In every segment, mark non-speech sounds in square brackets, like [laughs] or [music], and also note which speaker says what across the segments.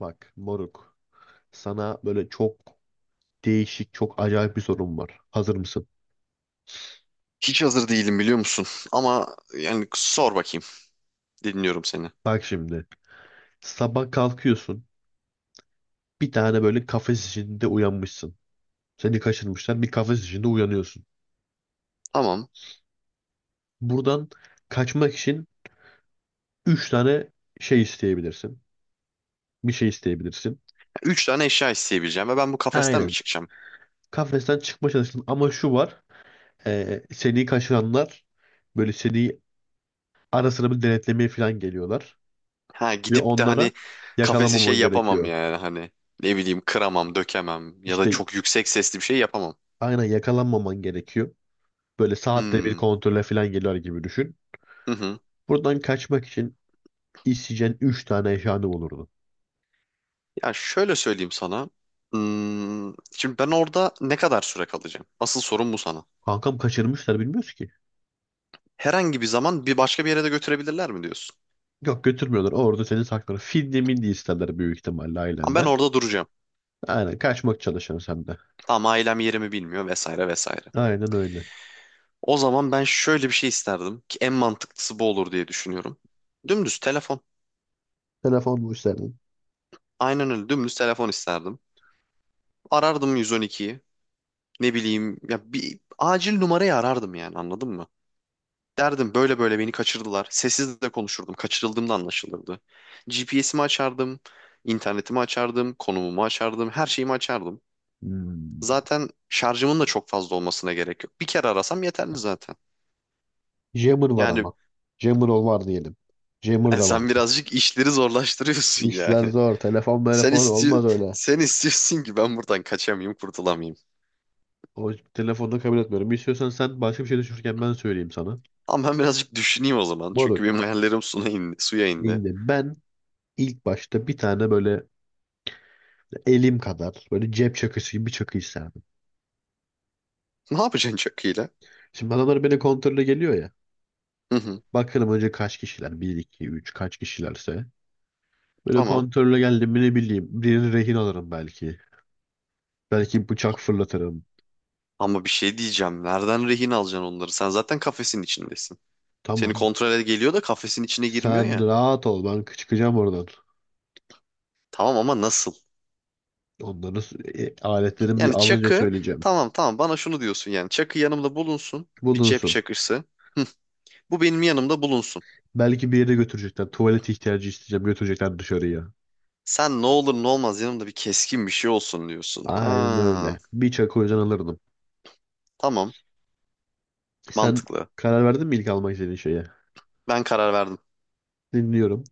Speaker 1: Bak moruk. Sana böyle çok değişik, çok acayip bir sorum var. Hazır mısın?
Speaker 2: Hiç hazır değilim biliyor musun? Ama yani sor bakayım. Dinliyorum seni.
Speaker 1: Bak şimdi. Sabah kalkıyorsun. Bir tane böyle kafes içinde uyanmışsın. Seni kaçırmışlar. Bir kafes içinde uyanıyorsun.
Speaker 2: Tamam.
Speaker 1: Buradan kaçmak için 3 tane şey isteyebilirsin. Bir şey isteyebilirsin.
Speaker 2: Üç tane eşya isteyebileceğim ve ben bu kafesten mi
Speaker 1: Aynen.
Speaker 2: çıkacağım?
Speaker 1: Kafesten çıkma çalıştın ama şu var. Seni kaçıranlar böyle seni ara sıra bir denetlemeye falan geliyorlar.
Speaker 2: Ha
Speaker 1: Ve
Speaker 2: gidip de
Speaker 1: onlara
Speaker 2: hani kafesi şey
Speaker 1: yakalamaman
Speaker 2: yapamam
Speaker 1: gerekiyor.
Speaker 2: yani hani ne bileyim kıramam, dökemem ya da
Speaker 1: İşte,
Speaker 2: çok yüksek sesli bir şey yapamam.
Speaker 1: aynen, yakalanmaman gerekiyor. Böyle saatte bir
Speaker 2: Hmm.
Speaker 1: kontrole falan geliyor gibi düşün.
Speaker 2: Hı hı.
Speaker 1: Buradan kaçmak için isteyeceğin 3 tane eşyanı olurdu.
Speaker 2: Ya şöyle söyleyeyim sana. Şimdi ben orada ne kadar süre kalacağım? Asıl sorun bu sana.
Speaker 1: Kankam kaçırmışlar bilmiyoruz ki.
Speaker 2: Herhangi bir zaman bir başka bir yere de götürebilirler mi diyorsun?
Speaker 1: Yok götürmüyorlar. Orada seni saklar. Fidye milli isterler büyük ihtimalle
Speaker 2: Ama ben
Speaker 1: ailenden.
Speaker 2: orada duracağım.
Speaker 1: Aynen kaçmak çalışıyorsun sen de.
Speaker 2: Ama ailem yerimi bilmiyor vesaire vesaire.
Speaker 1: Aynen öyle.
Speaker 2: O zaman ben şöyle bir şey isterdim ki en mantıklısı bu olur diye düşünüyorum. Dümdüz telefon.
Speaker 1: Telefon mu isterdin?
Speaker 2: Aynen öyle dümdüz telefon isterdim. Arardım 112'yi. Ne bileyim ya bir acil numarayı arardım yani anladın mı? Derdim böyle böyle beni kaçırdılar. Sessiz de konuşurdum. Kaçırıldığımda anlaşılırdı. GPS'imi açardım. İnternetimi açardım. Konumumu açardım. Her şeyimi açardım.
Speaker 1: Hmm.
Speaker 2: Zaten şarjımın da çok fazla olmasına gerek yok. Bir kere arasam yeterli zaten.
Speaker 1: Jammer var
Speaker 2: Yani
Speaker 1: ama. Jammer ol var diyelim. Jammer
Speaker 2: yani
Speaker 1: da var.
Speaker 2: sen birazcık işleri zorlaştırıyorsun
Speaker 1: İşler
Speaker 2: yani.
Speaker 1: zor. Telefon
Speaker 2: [laughs] Sen
Speaker 1: telefon
Speaker 2: istiyor,
Speaker 1: olmaz öyle.
Speaker 2: sen istiyorsun ki ben buradan kaçamayayım, kurtulamayayım.
Speaker 1: O telefonu kabul etmiyorum. İstiyorsan sen başka bir şey düşünürken ben söyleyeyim sana.
Speaker 2: Ama ben birazcık düşüneyim o zaman. Çünkü benim
Speaker 1: Moruk.
Speaker 2: hayallerim suya indi. Suya indi.
Speaker 1: Şimdi ben ilk başta bir tane böyle elim kadar böyle cep çakısı gibi bir çakı isterdim.
Speaker 2: Ne yapacaksın çakıyla?
Speaker 1: Şimdi adamlar beni kontrole geliyor ya.
Speaker 2: Hı hı,
Speaker 1: Bakalım önce kaç kişiler? Bir 2 3 kaç kişilerse. Böyle
Speaker 2: tamam.
Speaker 1: kontrole geldim mi ne bileyim. Birini rehin alırım belki. Belki bıçak fırlatırım.
Speaker 2: Ama bir şey diyeceğim. Nereden rehin alacaksın onları? Sen zaten kafesin içindesin. Seni
Speaker 1: Tamam.
Speaker 2: kontrole geliyor da kafesin içine girmiyor
Speaker 1: Sen
Speaker 2: ya.
Speaker 1: rahat ol ben çıkacağım oradan.
Speaker 2: Tamam ama nasıl?
Speaker 1: Onları aletlerimi
Speaker 2: Yani
Speaker 1: alınca
Speaker 2: çakı
Speaker 1: söyleyeceğim.
Speaker 2: tamam tamam bana şunu diyorsun yani. Çakı yanımda bulunsun. Bir cep
Speaker 1: Bulunsun.
Speaker 2: çakısı. Bu benim yanımda bulunsun.
Speaker 1: Belki bir yere götürecekler. Tuvalet ihtiyacı isteyeceğim götürecekler dışarıya.
Speaker 2: Sen ne olur ne olmaz yanımda bir keskin bir şey olsun diyorsun.
Speaker 1: Aynen
Speaker 2: Ha,
Speaker 1: öyle. Bir çakı o yüzden alırdım.
Speaker 2: tamam,
Speaker 1: Sen
Speaker 2: mantıklı.
Speaker 1: karar verdin mi ilk almak istediğin şeye?
Speaker 2: Ben karar verdim.
Speaker 1: Dinliyorum.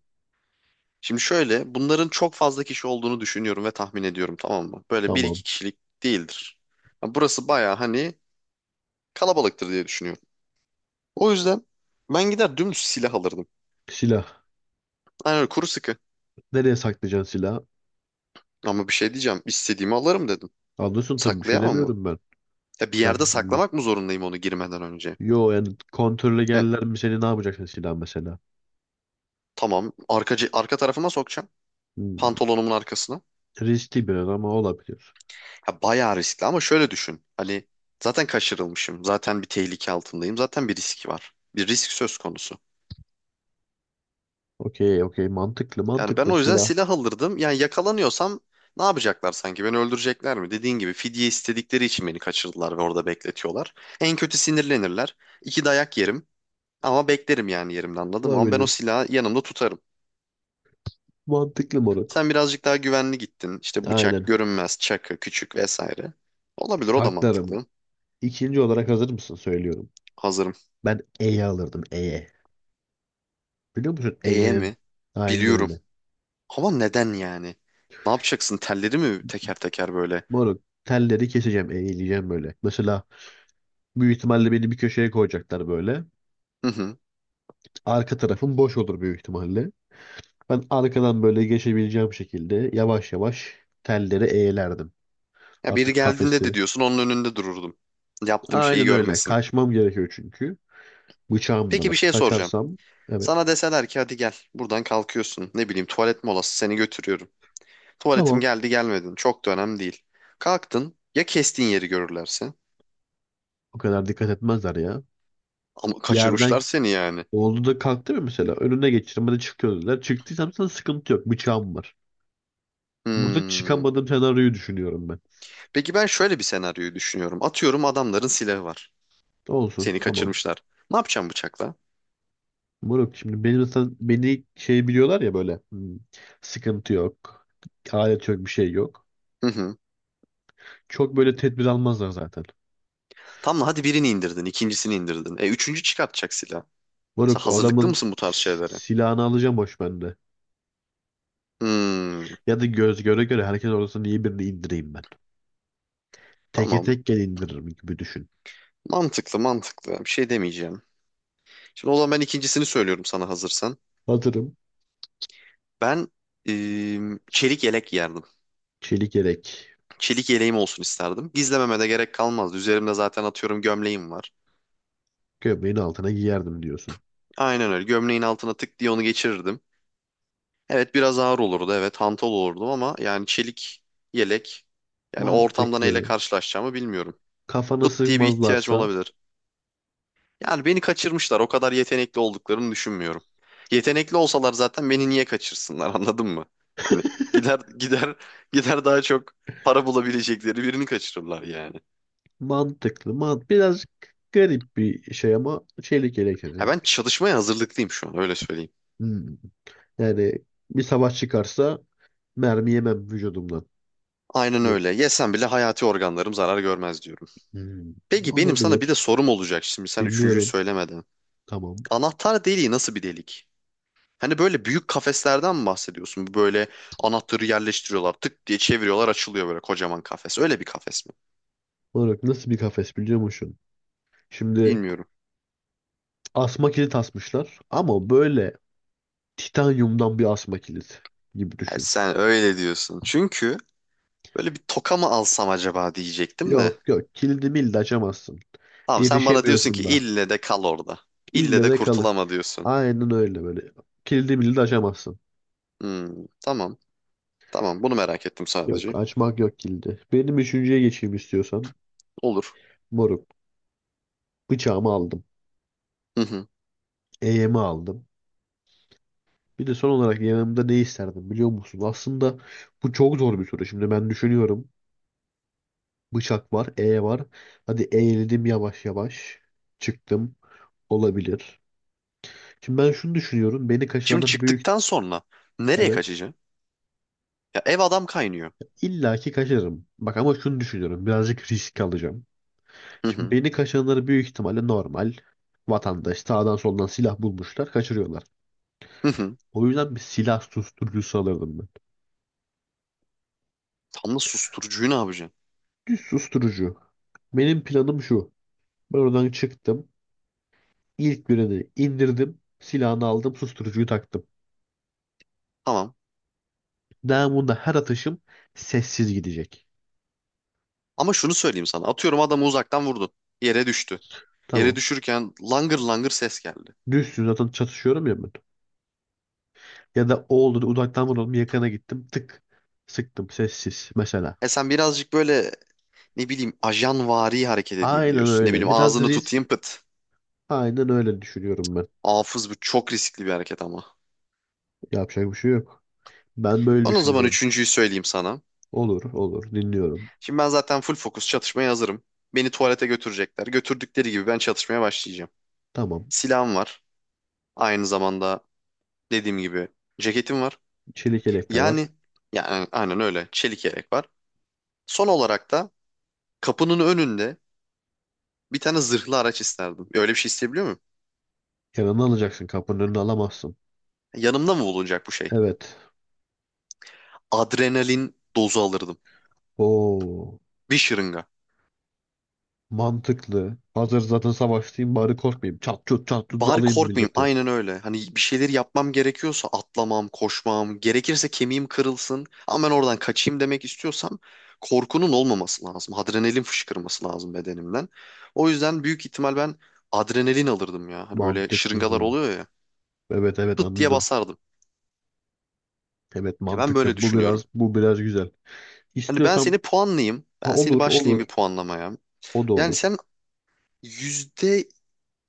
Speaker 2: Şimdi şöyle, bunların çok fazla kişi olduğunu düşünüyorum ve tahmin ediyorum, tamam mı? Böyle bir
Speaker 1: Tamam.
Speaker 2: iki kişilik değildir. Ya burası baya hani kalabalıktır diye düşünüyorum. O yüzden ben gider dümdüz silah alırdım.
Speaker 1: Silah.
Speaker 2: Aynen öyle, kuru sıkı.
Speaker 1: Nereye saklayacaksın silahı?
Speaker 2: Ama bir şey diyeceğim, istediğimi alırım dedim.
Speaker 1: Anlıyorsun tabii bir şey
Speaker 2: Saklayamam mı?
Speaker 1: demiyorum ben.
Speaker 2: Ya bir yerde
Speaker 1: Ben bilmiyorum.
Speaker 2: saklamak mı zorundayım onu girmeden önce?
Speaker 1: Yo yani kontrole
Speaker 2: He,
Speaker 1: geldiler mi seni ne yapacaksın silah mesela?
Speaker 2: tamam, arka tarafıma sokacağım.
Speaker 1: Hmm.
Speaker 2: Pantolonumun arkasına.
Speaker 1: Riskli biraz ama olabilir.
Speaker 2: Ya bayağı riskli ama şöyle düşün. Hani zaten kaçırılmışım, zaten bir tehlike altındayım, zaten bir risk var. Bir risk söz konusu.
Speaker 1: Okey okey, mantıklı
Speaker 2: Yani ben
Speaker 1: mantıklı
Speaker 2: o yüzden
Speaker 1: silah.
Speaker 2: silah alırdım. Yani yakalanıyorsam ne yapacaklar sanki? Beni öldürecekler mi? Dediğin gibi fidye istedikleri için beni kaçırdılar ve orada bekletiyorlar. En kötü sinirlenirler. İki dayak yerim. Ama beklerim yani yerimde, anladın. Ama ben o
Speaker 1: Olabilir.
Speaker 2: silahı yanımda tutarım.
Speaker 1: Mantıklı moruk.
Speaker 2: Sen birazcık daha güvenli gittin. İşte bıçak,
Speaker 1: Aynen.
Speaker 2: görünmez, çakı, küçük vesaire. Olabilir, o da
Speaker 1: Saklarım.
Speaker 2: mantıklı.
Speaker 1: İkinci olarak hazır mısın söylüyorum.
Speaker 2: Hazırım.
Speaker 1: Ben E'ye alırdım, E'ye. Biliyor musun E'nin?
Speaker 2: Mi?
Speaker 1: Aynen
Speaker 2: Biliyorum.
Speaker 1: öyle.
Speaker 2: Ama neden yani? Ne yapacaksın? Telleri mi teker teker böyle?
Speaker 1: Moruk telleri keseceğim, eğileceğim böyle. Mesela büyük ihtimalle beni bir köşeye koyacaklar böyle.
Speaker 2: [laughs]
Speaker 1: Arka tarafım boş olur büyük ihtimalle. Ben arkadan böyle geçebileceğim şekilde yavaş yavaş telleri eğlerdim.
Speaker 2: Ya biri
Speaker 1: Artık
Speaker 2: geldiğinde de
Speaker 1: kafesi.
Speaker 2: diyorsun onun önünde dururdum. Yaptığım şeyi
Speaker 1: Aynen öyle.
Speaker 2: görmesin.
Speaker 1: Kaçmam gerekiyor çünkü. Bıçağım da
Speaker 2: Peki
Speaker 1: var.
Speaker 2: bir şey soracağım.
Speaker 1: Kaçarsam evet.
Speaker 2: Sana deseler ki hadi gel, buradan kalkıyorsun. Ne bileyim tuvalet molası, seni götürüyorum. Tuvaletim
Speaker 1: Tamam.
Speaker 2: geldi gelmedin çok da önemli değil. Kalktın ya, kestiğin yeri görürlerse?
Speaker 1: O kadar dikkat etmezler ya.
Speaker 2: Ama kaçırmışlar
Speaker 1: Yerden
Speaker 2: seni yani.
Speaker 1: oldu da kalktı mı mesela? Önüne geçirim. Hadi çık dediler. Çıktıysam sana sıkıntı yok. Bıçağım var. Burada
Speaker 2: Hmm.
Speaker 1: çıkamadığım senaryoyu düşünüyorum ben.
Speaker 2: Peki ben şöyle bir senaryoyu düşünüyorum. Atıyorum adamların silahı var.
Speaker 1: Olsun.
Speaker 2: Seni
Speaker 1: Tamam.
Speaker 2: kaçırmışlar. Ne yapacağım bıçakla?
Speaker 1: Moruk şimdi beni mesela beni biliyorlar ya böyle, hmm, sıkıntı yok. Alet yok bir şey yok.
Speaker 2: Hı hı.
Speaker 1: Çok böyle tedbir almazlar zaten.
Speaker 2: Tamam, hadi birini indirdin, ikincisini indirdin. E üçüncü çıkartacak silah. Sen
Speaker 1: Moruk o
Speaker 2: hazırlıklı
Speaker 1: adamın
Speaker 2: mısın bu tarz şeylere?
Speaker 1: silahını alacağım boş bende.
Speaker 2: Hmm.
Speaker 1: Ya da göz göre göre herkes orasını iyi birini indireyim ben. Teke
Speaker 2: Tamam.
Speaker 1: tek gel indiririm gibi düşün.
Speaker 2: Mantıklı, mantıklı. Bir şey demeyeceğim. Şimdi o zaman ben ikincisini söylüyorum sana, hazırsan.
Speaker 1: Hazırım.
Speaker 2: Ben Çelik yelek giyerdim.
Speaker 1: Çelik yelek.
Speaker 2: Çelik yeleğim olsun isterdim. Gizlememe de gerek kalmazdı. Üzerimde zaten atıyorum gömleğim var.
Speaker 1: Gömleğin altına giyerdim diyorsun.
Speaker 2: Aynen öyle. Gömleğin altına tık diye onu geçirirdim. Evet biraz ağır olurdu. Evet hantal olurdum ama yani çelik yelek. Yani o ortamda neyle
Speaker 1: Mantıklı.
Speaker 2: karşılaşacağımı bilmiyorum.
Speaker 1: Kafana
Speaker 2: Pıt diye bir ihtiyacım
Speaker 1: sıkmazlarsa
Speaker 2: olabilir. Yani beni kaçırmışlar. O kadar yetenekli olduklarını düşünmüyorum. Yetenekli olsalar zaten beni niye kaçırsınlar [laughs] anladın mı? Hani
Speaker 1: [laughs]
Speaker 2: gider gider gider daha çok para bulabilecekleri birini kaçırırlar yani.
Speaker 1: mantıklı. Man birazcık garip bir şey ama çelik yelek
Speaker 2: Ha
Speaker 1: dedin.
Speaker 2: ben çalışmaya hazırlıklıyım şu an, öyle söyleyeyim.
Speaker 1: Hmm. Yani bir savaş çıkarsa mermi yemem vücudumdan.
Speaker 2: Aynen öyle. Yesem bile hayati organlarım zarar görmez diyorum.
Speaker 1: Hmm,
Speaker 2: Peki benim sana bir de
Speaker 1: olabilir.
Speaker 2: sorum olacak şimdi, sen üçüncüyü
Speaker 1: Dinliyorum.
Speaker 2: söylemeden.
Speaker 1: Tamam.
Speaker 2: Anahtar deliği nasıl bir delik? Hani böyle büyük kafeslerden mi bahsediyorsun? Bu böyle anahtarı yerleştiriyorlar, tık diye çeviriyorlar, açılıyor böyle kocaman kafes. Öyle bir kafes mi?
Speaker 1: Olarak nasıl bir kafes biliyor musun? Şimdi
Speaker 2: Bilmiyorum.
Speaker 1: asma kilit asmışlar ama böyle titanyumdan bir asma kilit gibi
Speaker 2: Ha,
Speaker 1: düşün.
Speaker 2: sen öyle diyorsun. Çünkü böyle bir toka mı alsam acaba diyecektim de.
Speaker 1: Yok yok kilidi mildi açamazsın.
Speaker 2: Tamam, sen bana diyorsun ki
Speaker 1: Erişemiyorsun da.
Speaker 2: ille de kal orada. İlle
Speaker 1: İlle
Speaker 2: de
Speaker 1: de kalı.
Speaker 2: kurtulama diyorsun.
Speaker 1: Aynen öyle böyle. Kilidi mildi açamazsın.
Speaker 2: Hmm, tamam. Tamam, bunu merak ettim
Speaker 1: Yok
Speaker 2: sadece.
Speaker 1: açmak yok kilidi. Benim üçüncüye geçeyim istiyorsan.
Speaker 2: Olur.
Speaker 1: Moruk. Bıçağımı aldım.
Speaker 2: Hı hı.
Speaker 1: Eğimi aldım. Bir de son olarak yanımda ne isterdim biliyor musun? Aslında bu çok zor bir soru. Şimdi ben düşünüyorum. Bıçak var, E var. Hadi eğildim yavaş yavaş. Çıktım. Olabilir. Şimdi ben şunu düşünüyorum. Beni
Speaker 2: Şimdi
Speaker 1: kaçıranlar büyük.
Speaker 2: çıktıktan sonra nereye
Speaker 1: Evet.
Speaker 2: kaçacaksın? Ya ev adam kaynıyor.
Speaker 1: illaki ki kaçırırım. Bak ama şunu düşünüyorum. Birazcık risk alacağım.
Speaker 2: Hı
Speaker 1: Şimdi
Speaker 2: hı.
Speaker 1: beni kaçıranları büyük ihtimalle normal vatandaş sağdan soldan silah bulmuşlar. Kaçırıyorlar.
Speaker 2: Hı hı.
Speaker 1: O yüzden bir silah susturucusu alırdım ben.
Speaker 2: Tam da susturucuyu ne yapacaksın?
Speaker 1: Bir susturucu. Benim planım şu. Ben oradan çıktım. İlk birini indirdim. Silahını aldım. Susturucuyu taktım.
Speaker 2: Tamam.
Speaker 1: Namunda her atışım sessiz gidecek.
Speaker 2: Ama şunu söyleyeyim sana. Atıyorum adamı uzaktan vurdun. Yere düştü. Yere
Speaker 1: Tamam.
Speaker 2: düşürken langır langır ses geldi.
Speaker 1: Düşsün zaten çatışıyorum ya ben. Ya da o oldu da uzaktan vurdum yakana gittim. Tık. Sıktım sessiz mesela.
Speaker 2: E sen birazcık böyle ne bileyim ajanvari hareket edeyim
Speaker 1: Aynen
Speaker 2: diyorsun. Ne
Speaker 1: öyle.
Speaker 2: bileyim
Speaker 1: Biraz
Speaker 2: ağzını tutayım,
Speaker 1: risk.
Speaker 2: pıt.
Speaker 1: Aynen öyle düşünüyorum ben.
Speaker 2: Hafız, bu çok riskli bir hareket ama.
Speaker 1: Yapacak bir şey yok. Ben böyle
Speaker 2: Ben o zaman
Speaker 1: düşünüyorum.
Speaker 2: üçüncüyü söyleyeyim sana.
Speaker 1: Olur olur dinliyorum.
Speaker 2: Şimdi ben zaten full fokus çatışmaya hazırım. Beni tuvalete götürecekler. Götürdükleri gibi ben çatışmaya başlayacağım.
Speaker 1: Tamam.
Speaker 2: Silahım var. Aynı zamanda dediğim gibi ceketim var.
Speaker 1: Çelik yelek de var.
Speaker 2: Yani yani aynen öyle. Çelik yelek var. Son olarak da kapının önünde bir tane zırhlı araç isterdim. Öyle bir şey isteyebiliyor muyum?
Speaker 1: Yanına alacaksın kapının önüne alamazsın.
Speaker 2: Yanımda mı bulunacak bu şey?
Speaker 1: Evet.
Speaker 2: Adrenalin dozu alırdım.
Speaker 1: Oo.
Speaker 2: Bir şırınga.
Speaker 1: Mantıklı. Hazır zaten savaştayım bari korkmayayım. Çat çut çat çut
Speaker 2: Bari
Speaker 1: dalayım
Speaker 2: korkmayayım.
Speaker 1: milleti.
Speaker 2: Aynen öyle. Hani bir şeyleri yapmam gerekiyorsa, atlamam, koşmam, gerekirse kemiğim kırılsın ama ben oradan kaçayım demek istiyorsam, korkunun olmaması lazım. Adrenalin fışkırması lazım bedenimden. O yüzden büyük ihtimal ben adrenalin alırdım ya. Hani böyle
Speaker 1: Mantıklı.
Speaker 2: şırıngalar oluyor ya.
Speaker 1: Evet evet
Speaker 2: Pıt diye
Speaker 1: anladım.
Speaker 2: basardım.
Speaker 1: Evet
Speaker 2: Ya ben böyle
Speaker 1: mantıklı. Bu
Speaker 2: düşünüyorum.
Speaker 1: biraz bu biraz güzel.
Speaker 2: Hani ben
Speaker 1: İstiyorsam,
Speaker 2: seni puanlayayım.
Speaker 1: ha,
Speaker 2: Ben seni
Speaker 1: olur
Speaker 2: başlayayım
Speaker 1: olur.
Speaker 2: bir puanlamaya.
Speaker 1: O da
Speaker 2: Yani
Speaker 1: olur.
Speaker 2: sen yüzde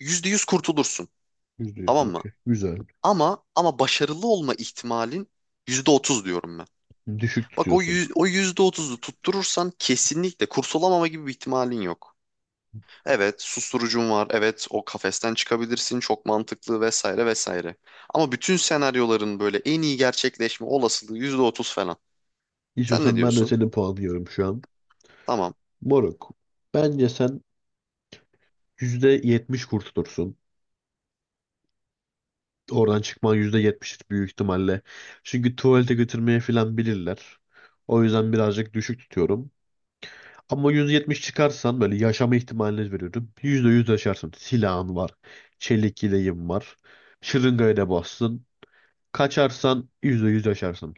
Speaker 2: yüzde yüz kurtulursun.
Speaker 1: Yüzde yüz.
Speaker 2: Tamam mı?
Speaker 1: Okey. Güzel.
Speaker 2: Ama başarılı olma ihtimalin %30 diyorum ben.
Speaker 1: Düşük
Speaker 2: Bak o
Speaker 1: tutuyorsun.
Speaker 2: yüz, o %30'u tutturursan kesinlikle kurtulamama gibi bir ihtimalin yok. Evet, susturucun var. Evet, o kafesten çıkabilirsin. Çok mantıklı vesaire vesaire. Ama bütün senaryoların böyle en iyi gerçekleşme olasılığı %30 falan. Sen ne
Speaker 1: İstiyorsan ben de
Speaker 2: diyorsun?
Speaker 1: senin puanlıyorum şu an.
Speaker 2: Tamam.
Speaker 1: Moruk. Bence sen %70 kurtulursun. Oradan çıkman %70 büyük ihtimalle. Çünkü tuvalete götürmeye falan bilirler. O yüzden birazcık düşük tutuyorum. Ama %70 çıkarsan böyle yaşama ihtimalini veriyorum. %100 yaşarsın. Silahın var. Çelik yeleğin var. Şırıngaya da bassın. Kaçarsan %100 yaşarsın.